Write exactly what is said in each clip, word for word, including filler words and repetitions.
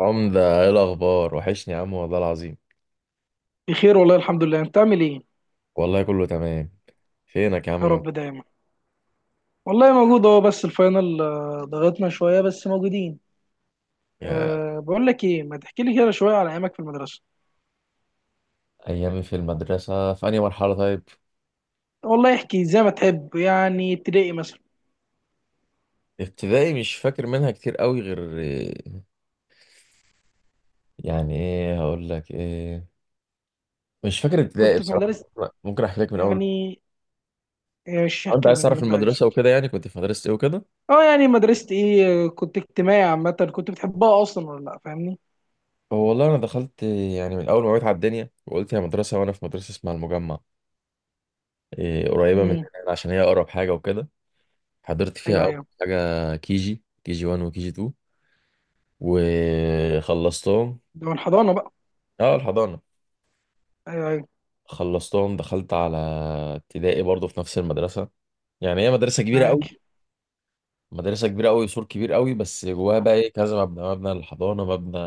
عمدة ايه الأخبار؟ وحشني يا عم والله العظيم. بخير والله، الحمد لله. انت عامل ايه؟ والله كله تمام. فينك يا عم يا من رب دايما. والله موجود اهو، بس الفاينل، آه، ضغطنا شويه بس موجودين. يا؟ أه بقول لك ايه، ما تحكي لي كده شويه على ايامك في المدرسه. أيام في المدرسة في أنهي مرحلة؟ طيب والله احكي زي ما تحب، يعني ابتدائي مثلا. ابتدائي مش فاكر منها كتير قوي غير يعني ايه. هقول لك ايه، مش فاكر ابتدائي كنت في بصراحة. مدرسه. ممكن أحكي لك من أول. يعني ايش آه، أنت احكي عايز من اللي تعرف انت عايزه؟ المدرسة وكده، يعني كنت في مدرسة ايه وكده. اه يعني مدرسه ايه، آه، كنت اجتماعي عامه، كنت بتحبها اصلا ولا لا، فاهمني؟ هو والله أنا دخلت يعني من أول ما وعيت على الدنيا وقلت يا مدرسة، وأنا في مدرسة اسمها المجمع، إيه، قريبة مننا امم. يعني عشان هي أقرب حاجة وكده. حضرت فيها ايوه، أول ايوه، حاجة كيجي كيجي واحد وكيجي اتنين وخلصتهم. ده من الحضانه بقى؟ اه، الحضانة ايوه، ايوه، خلصتهم دخلت على ابتدائي برضو في نفس المدرسة. يعني هي مدرسة كبيرة قوي، معاك. مدرسة كبيرة قوي، سور كبير قوي، بس جواها بقى ايه كذا مبنى، مبنى للحضانة، مبنى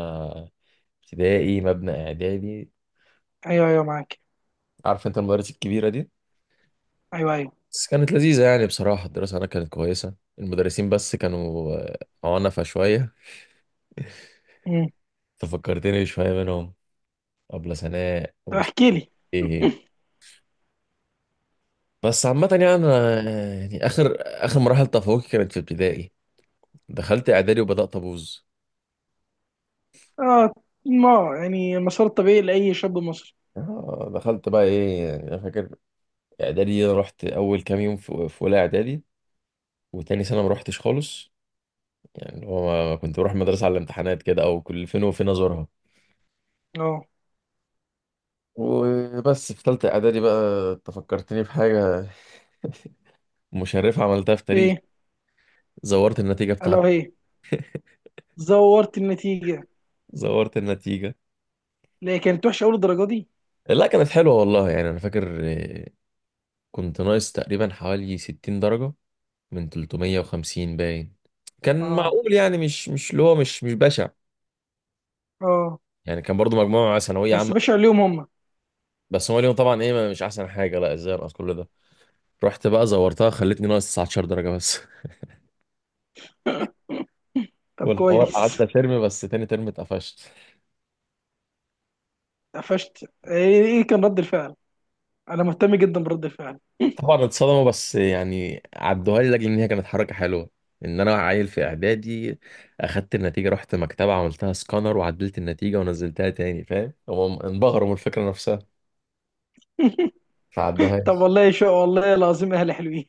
ابتدائي، مبنى اعدادي. ايوه، ايوه، معاك. عارف انت المدارس الكبيرة دي. ايوه، ايوه. بس كانت لذيذة يعني، بصراحة الدراسة هناك كانت كويسة، المدرسين بس كانوا آه، عنفة شوية. امم. تفكرتني شوية منهم، أبلة سناء طب أبو احكي لي. إيه. بس عامة يعني أنا، يعني آخر آخر مراحل تفوقي كانت في ابتدائي. دخلت إعدادي وبدأت أبوظ. اه، ما يعني المسار الطبيعي لأي شاب مصري. آه، دخلت بقى إيه، يعني أنا فاكر إعدادي، أنا رحت أول كام يوم في في أولى إعدادي، وتاني سنة ما رحتش خالص. يعني اللي هو ما- كنت بروح المدرسة على الامتحانات كده، أو كل فين وفين أزورها. اه. وبس في تالتة إعدادي بقى أنت فكرتني بحاجة. مشرفة عملتها في تاريخ. ايه زورت النتيجة الا بتاعتي. وهي؟ زورت النتيجة. زورت النتيجة. لا، هي كانت وحشة أول، الدرجة دي. لا كانت حلوة والله، يعني أنا فاكر كنت ناقص تقريبا حوالي ستين درجة من تلتمية وخمسين باين. كان اه. معقول يعني، مش مش اللي هو مش مش بشع. اه. يعني كان برضو مجموعة ثانوية بس عامة. باشا عليهم هم. بس هو اليوم طبعا ايه، ما- مش احسن حاجة، لا ازاي انقص كل ده. رحت بقى زورتها، خلتني ناقص تسعة عشر درجة بس. طب والحوار كويس. قعدت ترم، بس تاني ترم اتقفشت. قفشت ايه؟ إيه كان رد الفعل؟ انا مهتم جدا برد الفعل. طبعا اتصدموا، بس يعني عدوها لي لاجل ان هي كانت حركة حلوة، ان انا عيل في اعدادي. اخدت النتيجة رحت مكتبة عملتها سكانر وعدلت النتيجة ونزلتها تاني، فاهم؟ هم انبهروا من الفكرة نفسها، ما طب عدوهاش. والله شو، والله العظيم اهلي حلوين.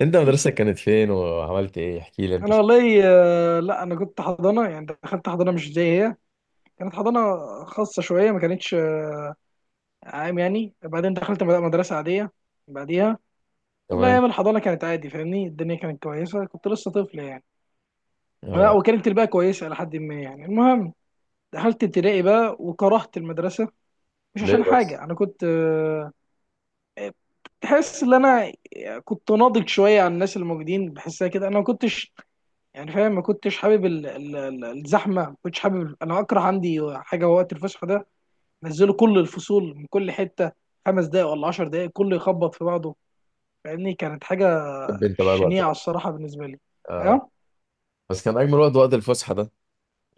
انت مدرستك كانت فين وعملت ايه؟ احكي لي انت انا شو. والله، آه، لا، انا كنت حضانه، يعني دخلت حضانه مش زي هي. كانت حضانه خاصه شويه، ما كانتش آه، عام يعني. بعدين دخلت مد- مدرسه عاديه بعديها. والله كمان. ايام الحضانه كانت عادي، فاهمني؟ الدنيا كانت كويسه، كنت لسه طفل يعني. لا اه، وكانت الباقي كويسه لحد ما، يعني المهم دخلت ابتدائي بقى وكرهت المدرسه. مش ليه عشان بس؟ حاجه، انا كنت آه، تحس ان انا كنت ناضج شويه عن الناس الموجودين، بحسها كده. انا ما كنتش، يعني فاهم؟ ما كنتش حابب ال- ال- ال- الزحمه، ما كنتش حابب. انا اكره عندي حاجه وقت الفسحه ده. نزلوا كل الفصول من كل حته، خمس دقايق ولا عشر دقايق كله يخبط في بعضه. فاهمني، كانت حاجه حب انت بقى الوقت شنيعه ده. الصراحه بالنسبه لي. آه. اه. بس كان اجمل وقت، وقت الفسحه ده.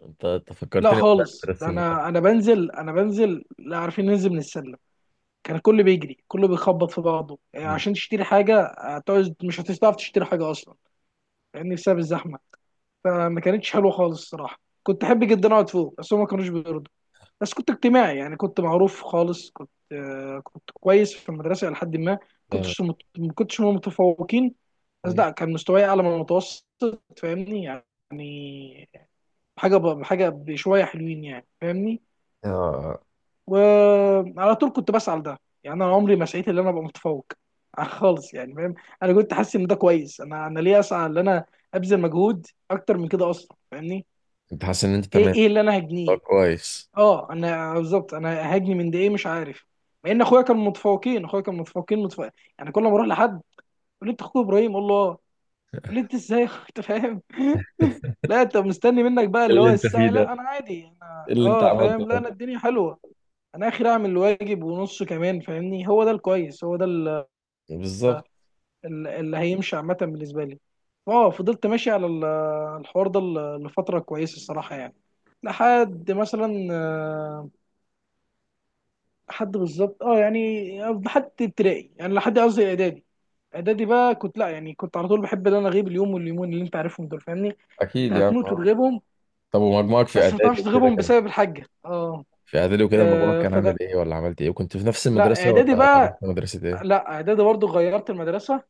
انت انت لا فكرتني والله خالص، ده بمدرسه المقاومه. انا انا بنزل انا بنزل، لا عارفين ننزل من السلم. كان الكل بيجري، كله بيخبط في بعضه. يعني مم. عشان تشتري حاجه هتقعد، مش هتعرف تشتري حاجه اصلا، لان بسبب الزحمه. فما كانتش حلوه خالص الصراحه. كنت احب جدا اقعد فوق بس هم ما كانوش بيرضوا. بس كنت اجتماعي، يعني كنت معروف خالص، كنت آه، كنت كويس في المدرسه الى حد ما. جامد. كنتش مت- ما كنتش من المتفوقين. بس مم. لا، كان مستواي اعلى من المتوسط، فاهمني يعني. حاجه ب- حاجه بشويه حلوين يعني، فاهمني. اه، وعلى طول كنت بسعى لده، يعني انا عمري ما سعيت ان انا ابقى متفوق خالص، يعني فاهم؟ انا كنت حاسس ان ده كويس. انا انا ليه اسعى ان انا ابذل مجهود اكتر من كده اصلا، فاهمني؟ انت حاسس ان انت ايه، تمام. ايه اللي انا طب هجنيه؟ كويس. اه انا بالظبط، انا هجني من ده ايه؟ مش عارف. مع ان اخويا كان متفوقين اخويا كان متفوقين متفوق. يعني كل ما اروح لحد يقول لي انت اخوك ابراهيم، اقول له اه. يقول لي انت ازاي يا أخوي؟ انت فاهم؟ لا انت مستني منك بقى إيه اللي اللي هو انت فيه السعي. ده؟ لا انا عادي، إيه انا اللي انت اه عملته فاهم. لا ده؟ انا الدنيا حلوه. انا اخر اعمل الواجب ونص كمان، فاهمني؟ هو ده الكويس، هو ده ال- بالظبط. ال- اللي هيمشي عامه بالنسبه لي. اه فضلت ماشي على ال- الحوار ده ل- لفتره كويسه الصراحه يعني. لحد مثلا آه، لحد بالظبط اه، يعني لحد ابتدائي، يعني لحد قصدي اعدادي. اعدادي بقى، كنت لا يعني كنت على طول بحب ان انا اغيب اليوم واليومين اللي انت عارفهم دول، فاهمني؟ انت اكيد يعني هتموت آه. وتغيبهم، طب ومجموعك في بس ما اعدادي تعرفش وكده تغيبهم كان، بسبب الحاجه. اه. في اعدادي وكده المجموع آه، كان عامل فده ايه، ولا عملت ايه، وكنت في نفس لا، المدرسه، اعدادي ولا رحت بقى، مدرسه ايه؟ لا اعدادي برضو غيرت المدرسه.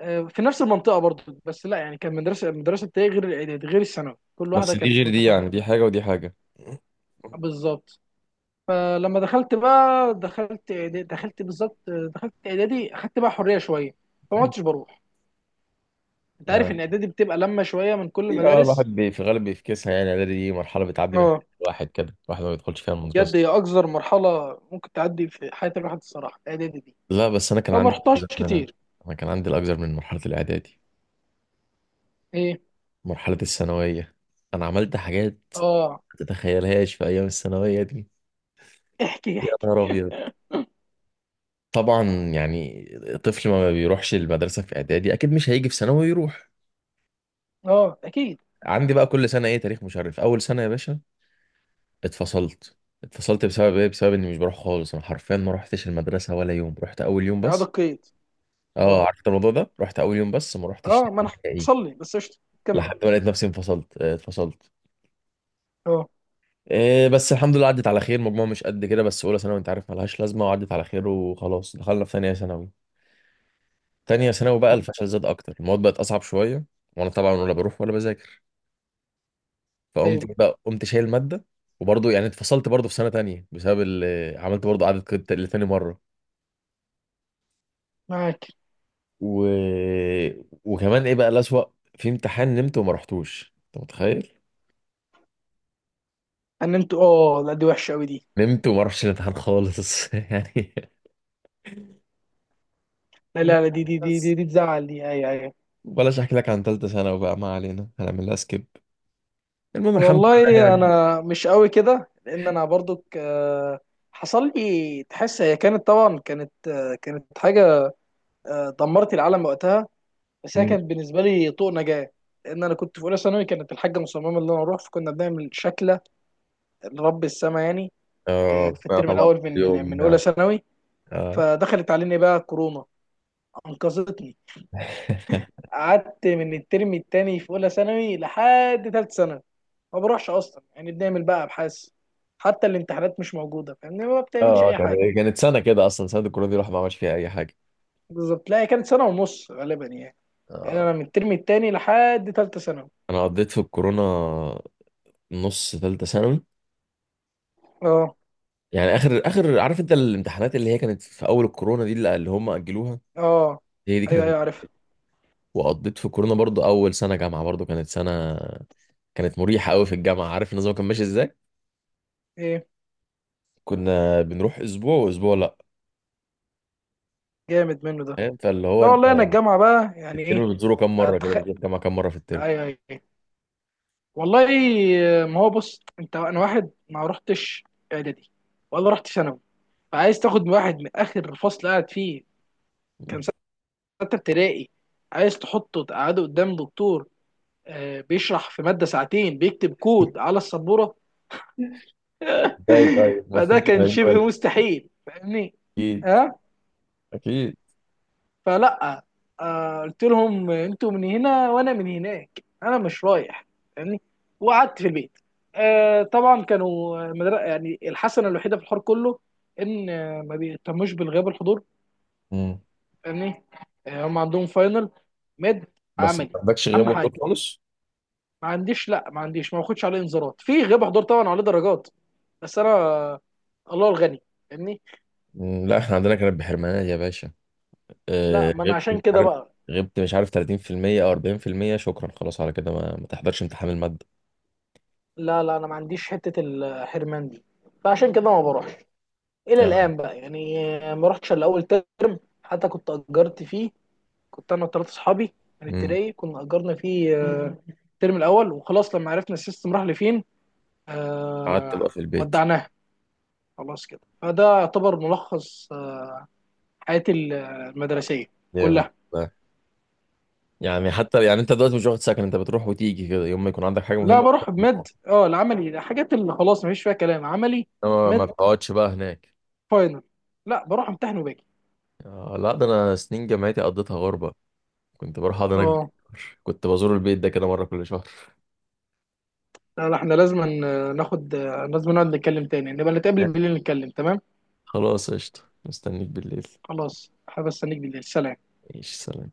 آه، في نفس المنطقه برضه. بس لا يعني، كان مدرسه المدرسه بتاعي غير الاعدادي غير الثانوي، كل واحده بس دي كانت غير دي، يعني متفرقه. دي حاجه ودي حاجه. بالظبط. فلما دخلت بقى دخلت إعدادي دخلت بالظبط آه، دخلت اعدادي، اخدت بقى حريه شويه. فما عدتش بروح. انت عارف مم. ان اعدادي بتبقى لما شويه من كل إيه، اه الواحد المدارس. بي- في الغالب بيفكسها، يعني اعدادي دي مرحله بتعدي من حياة اه، الواحد كده، الواحد ما بيدخلش فيها المدرسه. بجد هي اقذر مرحله ممكن تعدي في حياه الواحد الصراحه، الاعدادي دي. لا بس انا كان فما عندي رحتهاش الاكثر من انا، كتير. أنا كان عندي الاكثر من مرحله الاعدادي، ايه. مرحله الثانويه. انا عملت حاجات اه، ما تتخيلهاش في ايام الثانويه دي. احكي يا احكي. نهار ابيض. طبعا. يعني طفل ما بيروحش المدرسه في اعدادي اكيد مش هيجي في ثانوي يروح. اه. اكيد. عندي بقى كل سنه ايه تاريخ مشرف. اول سنه يا باشا اتفصلت. اتفصلت بسبب ايه؟ بسبب اني مش بروح خالص. انا حرفيا ما روحتش المدرسه ولا يوم، رحت اول يوم اعاده بس. قيد. اه، اه. عرفت الموضوع ده، رحت اول يوم بس ما رحتش اه ما انا نهائي. حصل لي بس، قشطه. كمل. لحد ما لقيت نفسي انفصلت، آه، اتفصلت. اه. آه، بس الحمد لله عدت على خير. مجموعة مش قد كده، بس اولى ثانوي انت عارف ملهاش لازمة، وعدت على خير. وخلاص دخلنا في ثانية ثانوي. ثانية ثانوي بقى الفشل زاد اكتر، المواد بقت اصعب شوية، وانا طبعا ولا بروح ولا بذاكر، فقمت ايوه، إيه بقى، قمت شايل مادة. وبرضه يعني اتفصلت برضه في سنة تانية، بسبب ال- عملت برضه قعدة كت- لتاني مرة. معاك. و... وكمان ايه بقى الأسوأ، في امتحان نمت وما رحتوش، انت متخيل؟ ان انتوا، اه. لا، دي وحشه قوي دي. نمت وما رحتش الامتحان خالص. يعني لا، لا، لا، دي دي دي دي, بس. دي تزعل دي. ايوه، ايوه. بلاش احكي لك عن ثالثه ثانوي بقى، ما علينا هنعمل لها سكيب. المهم الحمد لله والله يعني. انا مش قوي كده، لان انا برضو حصل لي. تحس هي كانت طبعا، كانت آه، كانت حاجه، آه، دمرت العالم وقتها. بس هي مم. كانت بالنسبه لي طوق نجاه. لان انا كنت في اولى ثانوي، كانت الحاجه مصممه ان انا اروح، فكنا بنعمل شكله لرب السما يعني. ك- اه، في آه الترم طبعا الاول كل من يوم من اولى يعني. ثانوي اه. فدخلت علينا بقى كورونا انقذتني. قعدت من الترم التاني في اولى ثانوي لحد تالت ثانوي ما بروحش اصلا. يعني بنعمل بقى ابحاث، حتى الامتحانات مش موجوده، فاهمني؟ ما اه، بتعملش آه، اي حاجه. يعني كانت سنه كده اصلا، سنه الكورونا دي الواحد ما عملش فيها اي حاجه. بالظبط. لا هي كانت سنه ونص غالبا يعني. يعني آه. انا من الترم التاني لحد تالتة ثانوي. انا قضيت في الكورونا نص ثالثه ثانوي. اه. يعني اخر اخر عارف انت الامتحانات اللي هي كانت في اول الكورونا دي، اللي اللي هم اجلوها، اه. هي دي ايوه، كانت. ايوه، عارفها. وقضيت في الكورونا برضو. اول سنه جامعه برضو كانت سنه، كانت مريحه قوي في الجامعه. عارف النظام كان ماشي ازاي؟ ايه. كنا بنروح اسبوع واسبوع لا. جامد منه ده. فاهم؟ فاللي هو لا انت والله انا الجامعه بقى، يعني ايه! الترم بتزوره كام مره؟ كده أتخ... بتزور الجامعه كام مره في الترم. ايوه، ايوه، أيوة. والله، ما هو بص انت، انا واحد ما رحتش اعدادي ولا رحت ثانوي، فعايز تاخد من واحد من اخر فصل قاعد فيه كان ستة ابتدائي، عايز تحطه تقعده قدام دكتور آه، بيشرح في مادة ساعتين، بيكتب كود على السبورة؟ ازاي طيب فده المفروض يبقى كان يجي. شبه مستحيل، فاهمني؟ اكيد، ها. اكيد. فلا، آه، قلت لهم انتوا من هنا وانا من هناك، انا مش رايح، فاهمني. وقعدت في البيت. آه، طبعا كانوا مدر... يعني الحسنة الوحيدة في الحوار كله، ان آه، ما بيهتموش بالغياب الحضور، مم. فاهمني. آه، هم عندهم فاينل، مد، بس ما عملي، عندكش غياب اهم حاجة. وحضور خالص. ما عنديش، لا، ما عنديش، ما باخدش عليه انذارات في غياب حضور. طبعا عليه درجات بس انا، الله الغني، فاهمني. مم، لا احنا عندنا كانت بحرمانات يا باشا. لا آه، ما انا غبت مش عشان كده عارف، بقى، غبت مش عارف ثلاثين في المية او أربعين في المية. شكرا خلاص على كده، ما, ما تحضرش امتحان الماده. لا لا، انا ما عنديش حته الحرمان دي، فعشان كده ما بروحش الى آه. الان بقى يعني. ما رحتش الا اول ترم حتى كنت اجرت فيه، كنت انا وثلاث اصحابي من مم. التراي كنا اجرنا فيه آه، الترم الاول. وخلاص لما عرفنا السيستم راح لفين، قعدت آه، بقى في البيت. ودعناها خلاص كده. فده يعتبر ملخص آه، حياتي المدرسيه جامد. كلها. لا. يعني حتى يعني انت دلوقتي مش واخد سكن، انت بتروح وتيجي كده يوم ما يكون عندك حاجه لا مهمه، بروح بمد، اه، العملي، الحاجات اللي خلاص مفيش فيها كلام، عملي، انما ما مد، بتقعدش بقى هناك. فاينل. لا بروح امتحن وباجي. آه، لا ده انا سنين جامعتي قضيتها غربة. كنت بروح اقعد هناك اه بالشهر. كنت بزور البيت ده كده مرة كل شهر. لا لا، احنا لازم ن- ناخد. لازم نقعد نتكلم تاني، نبقى نتقابل بالليل نتكلم، تمام؟ خلاص قشطة، مستنيك بالليل. خلاص حابب استنيك بالليل، سلام. ماشي سلام.